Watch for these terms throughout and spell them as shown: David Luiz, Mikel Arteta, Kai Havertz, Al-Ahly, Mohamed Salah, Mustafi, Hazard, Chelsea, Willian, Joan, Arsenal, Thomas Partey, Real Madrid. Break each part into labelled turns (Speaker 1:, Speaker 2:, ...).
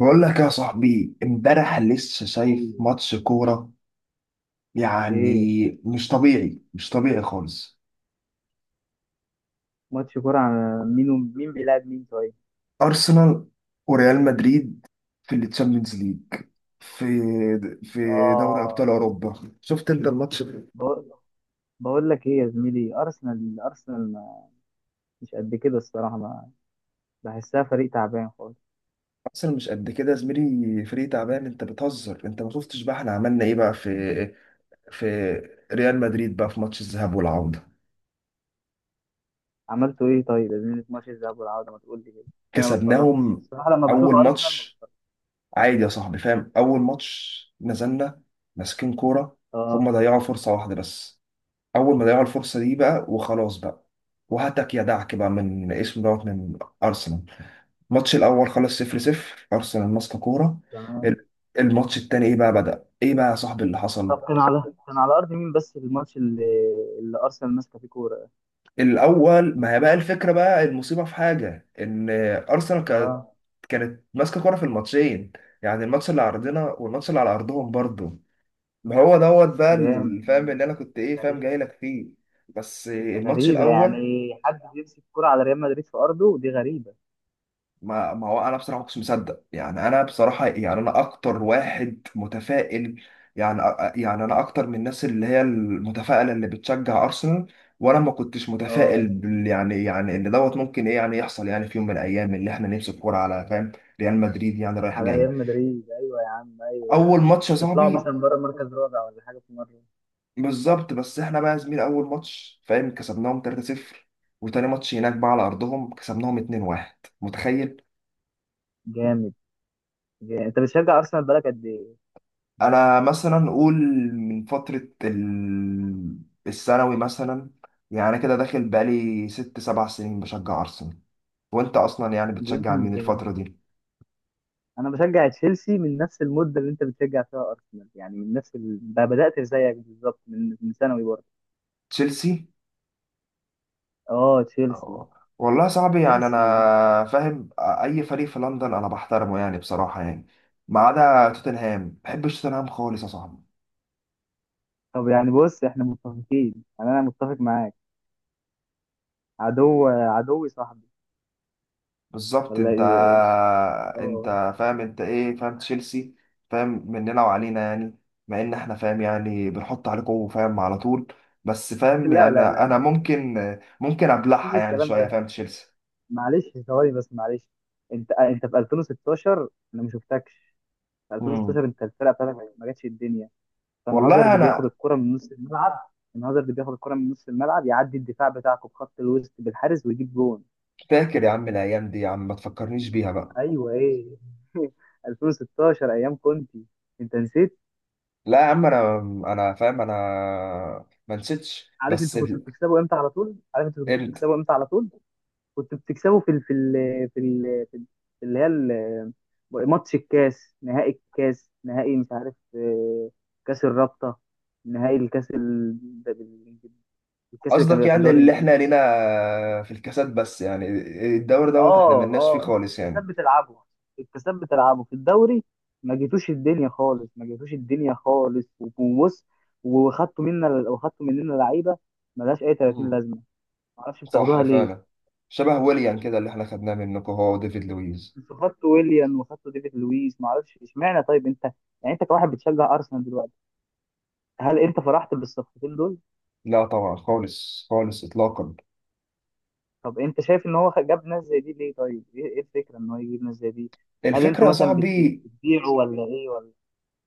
Speaker 1: بقول لك يا صاحبي، امبارح لسه شايف
Speaker 2: أوه.
Speaker 1: ماتش كورة،
Speaker 2: ايه.
Speaker 1: يعني مش طبيعي، مش طبيعي خالص.
Speaker 2: ماتش كورة عن مين مين بيلعب مين طيب؟
Speaker 1: أرسنال وريال مدريد في التشامبيونز ليج، في في دوري أبطال
Speaker 2: اه.
Speaker 1: أوروبا، شفت أنت الماتش ده؟
Speaker 2: بقول بقول لك ايه يا زميلي؟ ارسنال مش قد كده الصراحة، ما بحسها فريق تعبان خالص.
Speaker 1: أرسنال مش قد كده يا زميلي، فريق تعبان؟ أنت بتهزر. أنت ما شفتش بقى إحنا عملنا إيه بقى في في ريال مدريد بقى في ماتش الذهاب والعودة؟
Speaker 2: عملتوا ايه طيب يا زميلي في ماتش الذهاب والعودة؟ ما تقول لي كده عشان انا ما اتفرجتش
Speaker 1: كسبناهم
Speaker 2: الصراحة، لما بشوف
Speaker 1: أول
Speaker 2: ارسنال ما
Speaker 1: ماتش
Speaker 2: بتفرجش.
Speaker 1: عادي يا صاحبي، فاهم؟ اول ماتش نزلنا ماسكين كوره، هم
Speaker 2: اه،
Speaker 1: ضيعوا فرصه واحده بس، اول ما ضيعوا الفرصه دي بقى وخلاص بقى، وهتك يا دعك بقى من اسمه دوت من ارسنال. الماتش الاول خلص 0 0، ارسنال ماسكه كوره.
Speaker 2: تمام.
Speaker 1: ال- الماتش التاني ايه بقى، بدأ ايه بقى يا صاحبي اللي حصل؟
Speaker 2: طب كان على ارض مين بس الماتش اللي ارسنال ماسكة فيه كورة ده؟
Speaker 1: الاول ما هي بقى الفكره بقى، المصيبه في حاجه، ان ارسنال
Speaker 2: اه،
Speaker 1: كانت ماسكه كوره في الماتشين، يعني الماتش اللي على ارضنا والماتش اللي على ارضهم برضه. ما هو بقى
Speaker 2: جامد.
Speaker 1: الفهم اللي انا كنت ايه، فاهم، جاي
Speaker 2: غريبة.
Speaker 1: لك فيه. بس الماتش
Speaker 2: غريبة
Speaker 1: الاول،
Speaker 2: يعني حد بيمسك كورة على ريال مدريد في ارضه، دي غريبة.
Speaker 1: ما هو انا بصراحه ما كنتش مصدق. يعني انا بصراحه يعني انا اكتر واحد متفائل، يعني انا اكتر من الناس اللي هي المتفائله اللي بتشجع ارسنال، وانا ما كنتش متفائل
Speaker 2: اه،
Speaker 1: يعني ان ممكن ايه يعني يحصل، يعني في يوم من الايام اللي احنا نمسك كوره على، فاهم، ريال مدريد، يعني رايح
Speaker 2: على
Speaker 1: جاي.
Speaker 2: ريال مدريد. ايوه يا عم، ايوه يا
Speaker 1: اول
Speaker 2: عم،
Speaker 1: ماتش يا
Speaker 2: تطلعوا
Speaker 1: صاحبي
Speaker 2: مثلا بره مركز رابع ولا حاجه في مره.
Speaker 1: بالظبط، بس احنا بقى يا زميل اول ماتش، فاهم، كسبناهم 3-0، وتاني ماتش هناك بقى على ارضهم كسبناهم 2-1، متخيل؟
Speaker 2: جامد، جامد. انت بتشجع ارسنال بقالك قد ايه؟
Speaker 1: انا مثلا اقول من فترة الثانوي مثلا، يعني كده داخل بقالي ست سبع سنين بشجع ارسنال. وانت اصلا يعني
Speaker 2: جامد،
Speaker 1: بتشجع مين الفترة
Speaker 2: جامد.
Speaker 1: دي؟
Speaker 2: انا بشجع تشيلسي من نفس المده اللي انت بتشجع فيها ارسنال، يعني من نفس بدات زيك بالظبط، من ثانوي برضه.
Speaker 1: تشيلسي؟
Speaker 2: اه، تشيلسي.
Speaker 1: أه. والله صعب، يعني انا
Speaker 2: تشيلسي
Speaker 1: فاهم اي فريق في لندن انا بحترمه يعني بصراحة، يعني ما عدا توتنهام، ما بحبش توتنهام خالص يا صاحبي.
Speaker 2: طب يعني بص، احنا متفقين، يعني انا متفق معاك، عدو عدوي صاحبي
Speaker 1: بالظبط.
Speaker 2: ولا ايه؟ اه.
Speaker 1: انت فاهم، انت ايه، فاهم، تشيلسي فاهم مننا وعلينا يعني، مع ان احنا فاهم يعني بنحط عليكم فاهم على طول، بس فاهم
Speaker 2: لا،
Speaker 1: يعني
Speaker 2: لا، لا،
Speaker 1: انا
Speaker 2: مفيش الكلام،
Speaker 1: ممكن، ممكن
Speaker 2: مفيش
Speaker 1: ابلعها يعني
Speaker 2: الكلام
Speaker 1: شويه
Speaker 2: ده.
Speaker 1: فاهم تشيلسي.
Speaker 2: معلش، ثواني بس، معلش. انت في 2016 انا ما شفتكش. في
Speaker 1: امم
Speaker 2: 2016 انت الفرقه بتاعتك ما جاتش الدنيا. كان هازارد
Speaker 1: والله
Speaker 2: بياخد
Speaker 1: انا
Speaker 2: الكره من نص الملعب. كان هازارد بياخد الكره من نص الملعب، يعدي الدفاع بتاعكم بخط الوسط بالحارس ويجيب جون.
Speaker 1: فاكر يا عم الايام دي، يا عم ما تفكرنيش بيها بقى.
Speaker 2: ايوه، ايه. 2016 ايام كنتي، انت نسيت؟
Speaker 1: لا يا عم انا، انا فاهم انا ما نسيتش،
Speaker 2: عارف انتوا كنتوا بتكسبوا امتى على طول، عارف انتوا كنتوا
Speaker 1: انت
Speaker 2: بتكسبوا امتى على طول. كنت بتكسبه في اللي هي ال- ماتش الكاس نهائي، مش عارف، كاس الرابطة، نهائي الكاس ال- ده بال- الكاس اللي كان
Speaker 1: قصدك
Speaker 2: بيبقى في
Speaker 1: يعني
Speaker 2: الدوري
Speaker 1: اللي احنا
Speaker 2: الانجليزي
Speaker 1: لينا
Speaker 2: ده.
Speaker 1: في الكاسات بس، يعني الدوري احنا
Speaker 2: اه،
Speaker 1: ملناش فيه
Speaker 2: اه، انتوا في
Speaker 1: خالص
Speaker 2: الكاسات
Speaker 1: يعني.
Speaker 2: بتلعبوا، في الكاسات بتلعبوا في الدوري. ما جيتوش الدنيا خالص، ما جيتوش الدنيا خالص. وبص، وخدتوا مننا لعيبه ملهاش اي 30
Speaker 1: مم.
Speaker 2: لازمه، ما اعرفش
Speaker 1: صح
Speaker 2: بتاخدوها ليه.
Speaker 1: فعلا، شبه ويليان كده اللي احنا خدناه منكم هو وديفيد لويز.
Speaker 2: انت خدت ويليان وخدت ديفيد لويس، ما اعرفش اشمعنى. طيب انت يعني انت كواحد بتشجع ارسنال دلوقتي، هل انت فرحت بالصفقتين دول؟
Speaker 1: لا طبعا، خالص خالص، اطلاقا.
Speaker 2: طب انت شايف ان هو جاب ناس زي دي ليه؟ طيب ايه الفكره ان هو يجيب ناس زي دي؟ هل
Speaker 1: الفكره
Speaker 2: انتوا
Speaker 1: يا
Speaker 2: مثلا
Speaker 1: صاحبي
Speaker 2: بتبيعوا ولا ايه، ولا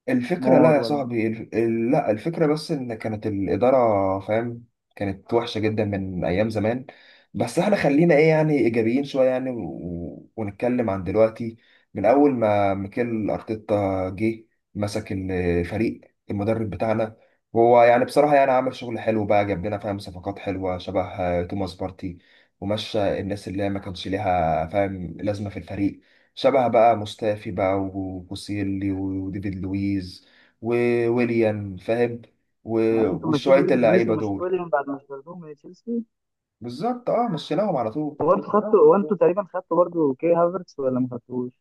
Speaker 1: الفكرة لا
Speaker 2: استثمار
Speaker 1: يا
Speaker 2: ولا؟
Speaker 1: صاحبي، لا الفكرة بس، إن كانت الإدارة، فاهم، كانت وحشة جدا من أيام زمان، بس إحنا خلينا إيه يعني، إيجابيين شوية يعني ونتكلم عن دلوقتي. من أول ما ميكيل أرتيتا جه مسك الفريق، المدرب بتاعنا، هو يعني بصراحة يعني عمل شغل حلو بقى، جاب لنا فاهم صفقات حلوة شبه توماس بارتي، ومشى الناس اللي هي ما كانش ليها فاهم لازمة في الفريق، شبه بقى مستافي بقى وبوسيلي وديفيد لويز وويليان فاهم،
Speaker 2: يعني انتوا مشيتوا
Speaker 1: وشوية
Speaker 2: ديفيد لويس
Speaker 1: اللعيبة
Speaker 2: ومشيتوا
Speaker 1: دول.
Speaker 2: ويليام بعد ما اشتريتوهم من تشيلسي.
Speaker 1: بالظبط، اه، مشيناهم على طول.
Speaker 2: وبرضه خدتوا، وانتوا تقريبا خدتوا برضه كي هافرتس ولا ما خدتوش؟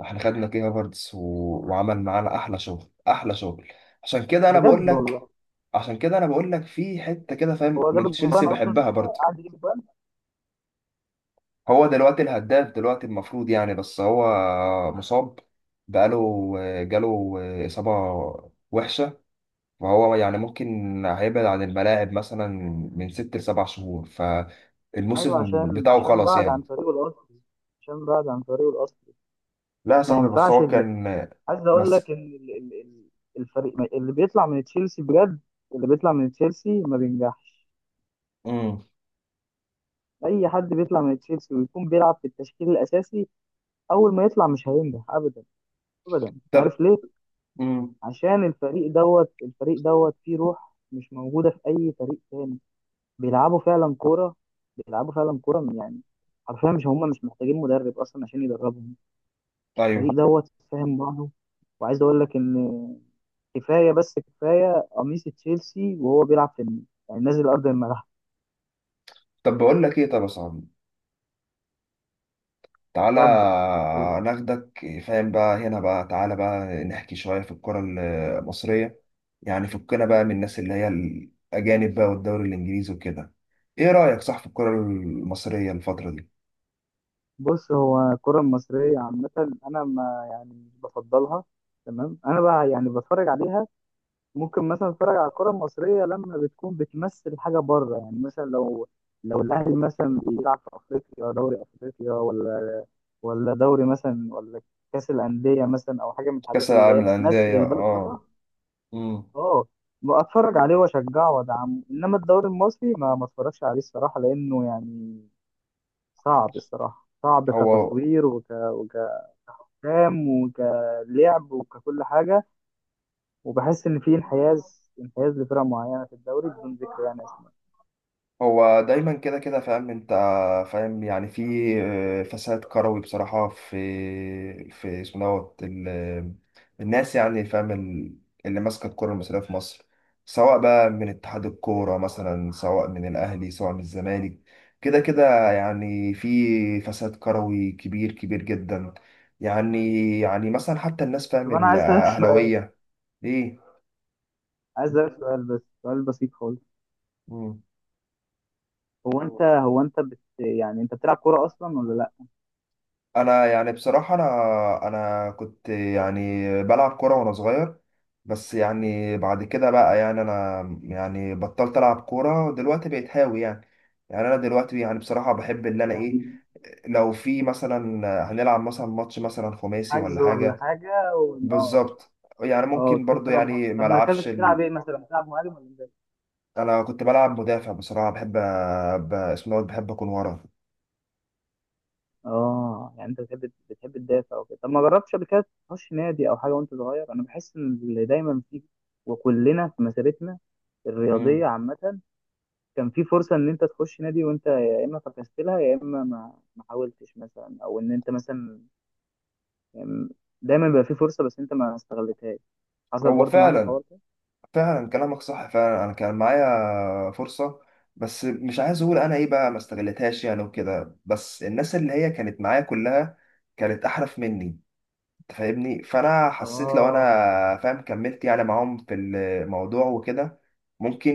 Speaker 1: احنا خدنا كي هافرتس وعمل معانا احلى شغل، احلى شغل. عشان كده انا بقول
Speaker 2: بجد
Speaker 1: لك،
Speaker 2: والله.
Speaker 1: عشان كده انا بقول لك في حتة كده فاهم
Speaker 2: هو جاب
Speaker 1: من تشيلسي
Speaker 2: الجوان اصلا
Speaker 1: بحبها
Speaker 2: ساعتها
Speaker 1: برضه.
Speaker 2: قعد يجيب جوان.
Speaker 1: هو دلوقتي الهداف دلوقتي المفروض يعني، بس هو مصاب، بقاله، جاله إصابة وحشة، وهو يعني ممكن هيبعد عن الملاعب مثلا من ست لسبع شهور،
Speaker 2: ايوه،
Speaker 1: فالموسم
Speaker 2: عشان
Speaker 1: بتاعه
Speaker 2: عشان
Speaker 1: خلاص
Speaker 2: بعد عن
Speaker 1: يعني.
Speaker 2: طريقه الاصلي، عشان بعد عن طريقه الاصلي.
Speaker 1: لا يا
Speaker 2: ما
Speaker 1: صاحبي بس
Speaker 2: ينفعش
Speaker 1: هو
Speaker 2: ال-
Speaker 1: كان،
Speaker 2: عايز اقول
Speaker 1: بس.
Speaker 2: لك ان الفريق اللي بيطلع من تشيلسي بجد، اللي بيطلع من تشيلسي ما بينجحش.
Speaker 1: امم
Speaker 2: اي حد بيطلع من تشيلسي ويكون بيلعب في التشكيل الاساسي، اول ما يطلع مش هينجح ابدا، ابدا. عارف
Speaker 1: طب
Speaker 2: ليه؟
Speaker 1: امم
Speaker 2: عشان الفريق دوت، الفريق دوت فيه روح مش موجوده في اي فريق تاني. بيلعبوا فعلا كوره، بيلعبوا فعلا كوره يعني. حرفيا مش محتاجين مدرب اصلا عشان يدربهم. الفريق
Speaker 1: ايوه.
Speaker 2: دوت فاهم بعضه. وعايز اقول لك ان كفايه، بس كفايه قميص تشيلسي وهو بيلعب في النادي، يعني نازل ارض الملعب.
Speaker 1: طب بقول لك ايه طب يا صاحبي، تعالى
Speaker 2: اتفضل.
Speaker 1: ناخدك، فاهم بقى، هنا بقى تعالى بقى نحكي شوية في الكرة المصرية، يعني فكنا بقى من الناس اللي هي الأجانب بقى والدوري الإنجليزي وكده. إيه رأيك صح في الكرة المصرية الفترة دي؟
Speaker 2: بص، هو الكره المصريه عامه انا ما يعني مش بفضلها. تمام، انا بقى يعني بتفرج عليها. ممكن مثلا اتفرج على الكره المصريه لما بتكون بتمثل حاجه بره. يعني مثلا لو الاهلي مثلا بيلعب في افريقيا، دوري افريقيا ولا دوري مثلا، ولا كاس الانديه مثلا، او حاجه من
Speaker 1: كأس
Speaker 2: الحاجات اللي
Speaker 1: العالم
Speaker 2: هي بتمثل
Speaker 1: للأندية،
Speaker 2: البلد بره.
Speaker 1: اه. امم
Speaker 2: اه، اتفرج عليه واشجعه وادعمه. انما الدوري المصري ما اتفرجش عليه الصراحه، لانه يعني صعب الصراحه، صعب
Speaker 1: هو
Speaker 2: كتصوير وكأفلام وكلعب وككل حاجه. وبحس ان في انحياز لفرق معينه في الدوري بدون ذكر يعني اسماء.
Speaker 1: هو دايما كده كده فاهم انت، فاهم يعني في فساد كروي بصراحة في في الناس يعني فاهم اللي ماسكة الكرة المصرية في مصر، سواء بقى من اتحاد الكورة مثلا، سواء من الأهلي، سواء من الزمالك. كده كده يعني في فساد كروي كبير، كبير جدا يعني، يعني مثلا حتى الناس فاهم
Speaker 2: طب انا عايز اسالك سؤال،
Speaker 1: الأهلاوية. ايه؟
Speaker 2: بس سؤال بسيط خالص.
Speaker 1: مم.
Speaker 2: هو انت قول. هو انت بت... يعني انت بتلعب كوره اصلا ولا لا؟
Speaker 1: انا يعني بصراحه، انا كنت يعني بلعب كوره وانا صغير، بس يعني بعد كده بقى يعني انا يعني بطلت العب كوره ودلوقتي بقيت هاوي يعني. يعني انا دلوقتي يعني بصراحه بحب اللي انا ايه،
Speaker 2: يعني
Speaker 1: لو في مثلا هنلعب مثلا ماتش مثلا خماسي ولا
Speaker 2: حجز ولا
Speaker 1: حاجه،
Speaker 2: حاجه اه.
Speaker 1: بالظبط، يعني
Speaker 2: اه،
Speaker 1: ممكن
Speaker 2: تخش
Speaker 1: برضو
Speaker 2: تلعب.
Speaker 1: يعني
Speaker 2: طب
Speaker 1: ما العبش
Speaker 2: مركزك بتلعب ايه، مثلا بتلعب مهاجم ولا مدافع؟
Speaker 1: انا كنت بلعب مدافع بصراحه، بحب أ- ب... اسمه دوت، بحب اكون ورا.
Speaker 2: اه، يعني انت بتحب تدافع وكده. طب ما جربتش قبل كده تخش نادي او حاجه وانت صغير؟ انا بحس ان اللي دايما فيه، وكلنا في مسيرتنا
Speaker 1: مم.
Speaker 2: الرياضيه عامه، كان في فرصه ان انت تخش نادي، وانت يا اما فكست لها، يا اما ما حاولتش مثلا، او ان انت مثلا يعني دايما بيبقى في فرصه بس انت ما استغلتهاش. حصل
Speaker 1: هو
Speaker 2: برضو معاك
Speaker 1: فعلا،
Speaker 2: الحوار ده؟
Speaker 1: فعلا كلامك صح فعلا. انا كان معايا فرصه، بس مش عايز اقول انا ايه بقى ما استغلتهاش يعني وكده، بس الناس اللي هي كانت معايا كلها كانت احرف مني، فاهمني، فانا حسيت لو انا،
Speaker 2: اه،
Speaker 1: فاهم، كملت يعني معاهم في الموضوع وكده، ممكن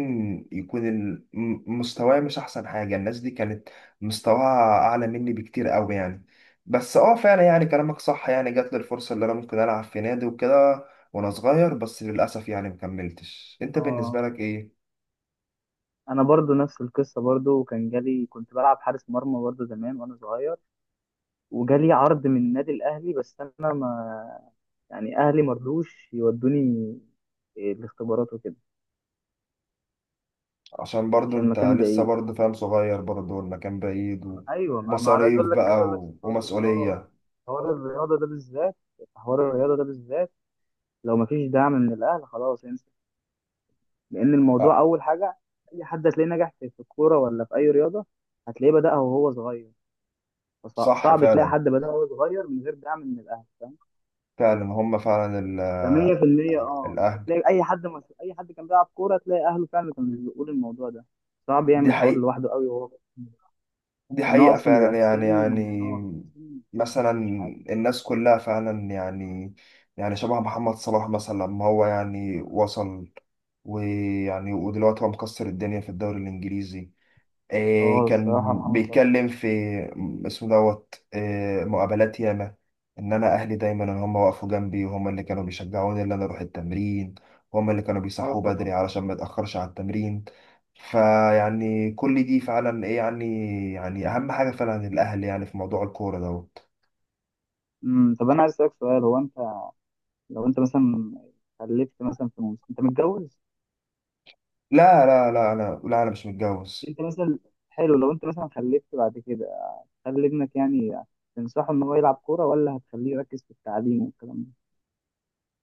Speaker 1: يكون مستواي مش احسن حاجه. الناس دي كانت مستواها اعلى مني بكتير قوي يعني، بس اه فعلا يعني كلامك صح يعني، جات لي الفرصه اللي انا ممكن العب في نادي وكده وانا صغير، بس للاسف يعني مكملتش. انت بالنسبه
Speaker 2: اه،
Speaker 1: لك ايه؟
Speaker 2: انا برضو نفس القصه برضو. وكان جالي، كنت بلعب حارس مرمى برضو زمان وانا صغير، وجالي عرض من النادي الاهلي، بس انا ما، يعني اهلي مرضوش يودوني الاختبارات وكده
Speaker 1: عشان برضو
Speaker 2: عشان
Speaker 1: انت
Speaker 2: المكان
Speaker 1: لسه
Speaker 2: بعيد.
Speaker 1: برضو فاهم صغير برضو، والمكان بعيد،
Speaker 2: ايوه، ما انا عايز
Speaker 1: ومصاريف
Speaker 2: اقول لك،
Speaker 1: بقى
Speaker 2: في حوار. اه،
Speaker 1: ومسؤوليه.
Speaker 2: حوار الرياضه ده بالذات، في حوار الرياضه ده بالذات لو مفيش دعم من الاهل خلاص انسى. لان الموضوع
Speaker 1: آه،
Speaker 2: اول حاجه، اي حد هتلاقيه نجح في الكوره ولا في اي رياضه، هتلاقيه بدأها وهو صغير.
Speaker 1: صح
Speaker 2: فصعب تلاقي
Speaker 1: فعلا،
Speaker 2: حد بدأ وهو صغير من غير دعم من الاهل، فاهم؟
Speaker 1: فعلا هم فعلا
Speaker 2: ف 100%. اه،
Speaker 1: الأهل.
Speaker 2: تلاقي اي حد مش... اي حد كان بيلعب كوره تلاقي اهله فعلا كانوا بيقولوا الموضوع ده صعب يعمل
Speaker 1: دي
Speaker 2: الحوار
Speaker 1: حقيقة،
Speaker 2: لوحده قوي وهو.
Speaker 1: دي
Speaker 2: لان هو
Speaker 1: حقيقة
Speaker 2: اصلا بيبقى
Speaker 1: فعلا
Speaker 2: في
Speaker 1: يعني،
Speaker 2: سن،
Speaker 1: يعني
Speaker 2: اه في سن لسه ما
Speaker 1: مثلا
Speaker 2: فهمش حاجه.
Speaker 1: الناس كلها فعلا يعني، يعني شبه محمد صلاح مثلا لما هو يعني وصل، ويعني ودلوقتي هو مكسر الدنيا في الدوري الإنجليزي، إيه
Speaker 2: اه، الصراحه
Speaker 1: كان
Speaker 2: محمد صلاح.
Speaker 1: بيتكلم في م- اسمه دوت إيه، مقابلات ياما، ان انا اهلي دايما ان هم وقفوا جنبي وهم اللي كانوا بيشجعوني ان انا اروح التمرين، وهم اللي كانوا
Speaker 2: اه،
Speaker 1: بيصحوا
Speaker 2: طبعا.
Speaker 1: بدري علشان ما اتاخرش على التمرين. فيعني كل دي فعلا ايه يعني، يعني اهم حاجه فعلا الاهل يعني في موضوع الكوره
Speaker 2: طب انا عايز اسالك سؤال. هو انت لو انت مثلا خلفت مثلا في موسم، انت متجوز؟
Speaker 1: لا لا لا انا لا، انا مش متجوز.
Speaker 2: انت مثلا، حلو، لو انت مثلا خلفت بعد كده، هتخلي ابنك يعني تنصحه ان هو يلعب كوره، ولا هتخليه يركز في التعليم والكلام ده،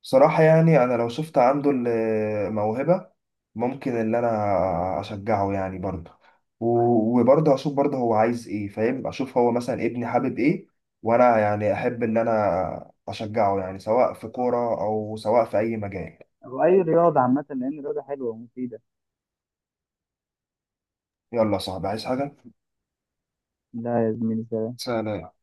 Speaker 1: بصراحة يعني أنا لو شفت عنده الموهبة، ممكن إن أنا أشجعه يعني برضه، وبرضه أشوف برضه هو عايز إيه، فاهم، أشوف هو مثلا ابني حابب إيه، وأنا يعني أحب إن أنا أشجعه يعني سواء في كورة أو سواء في أي مجال.
Speaker 2: او اي رياضه عامه؟ لان الرياضه حلوه ومفيده.
Speaker 1: يلا يا صاحبي، عايز حاجة؟
Speaker 2: لا يا زميلي.
Speaker 1: سلام.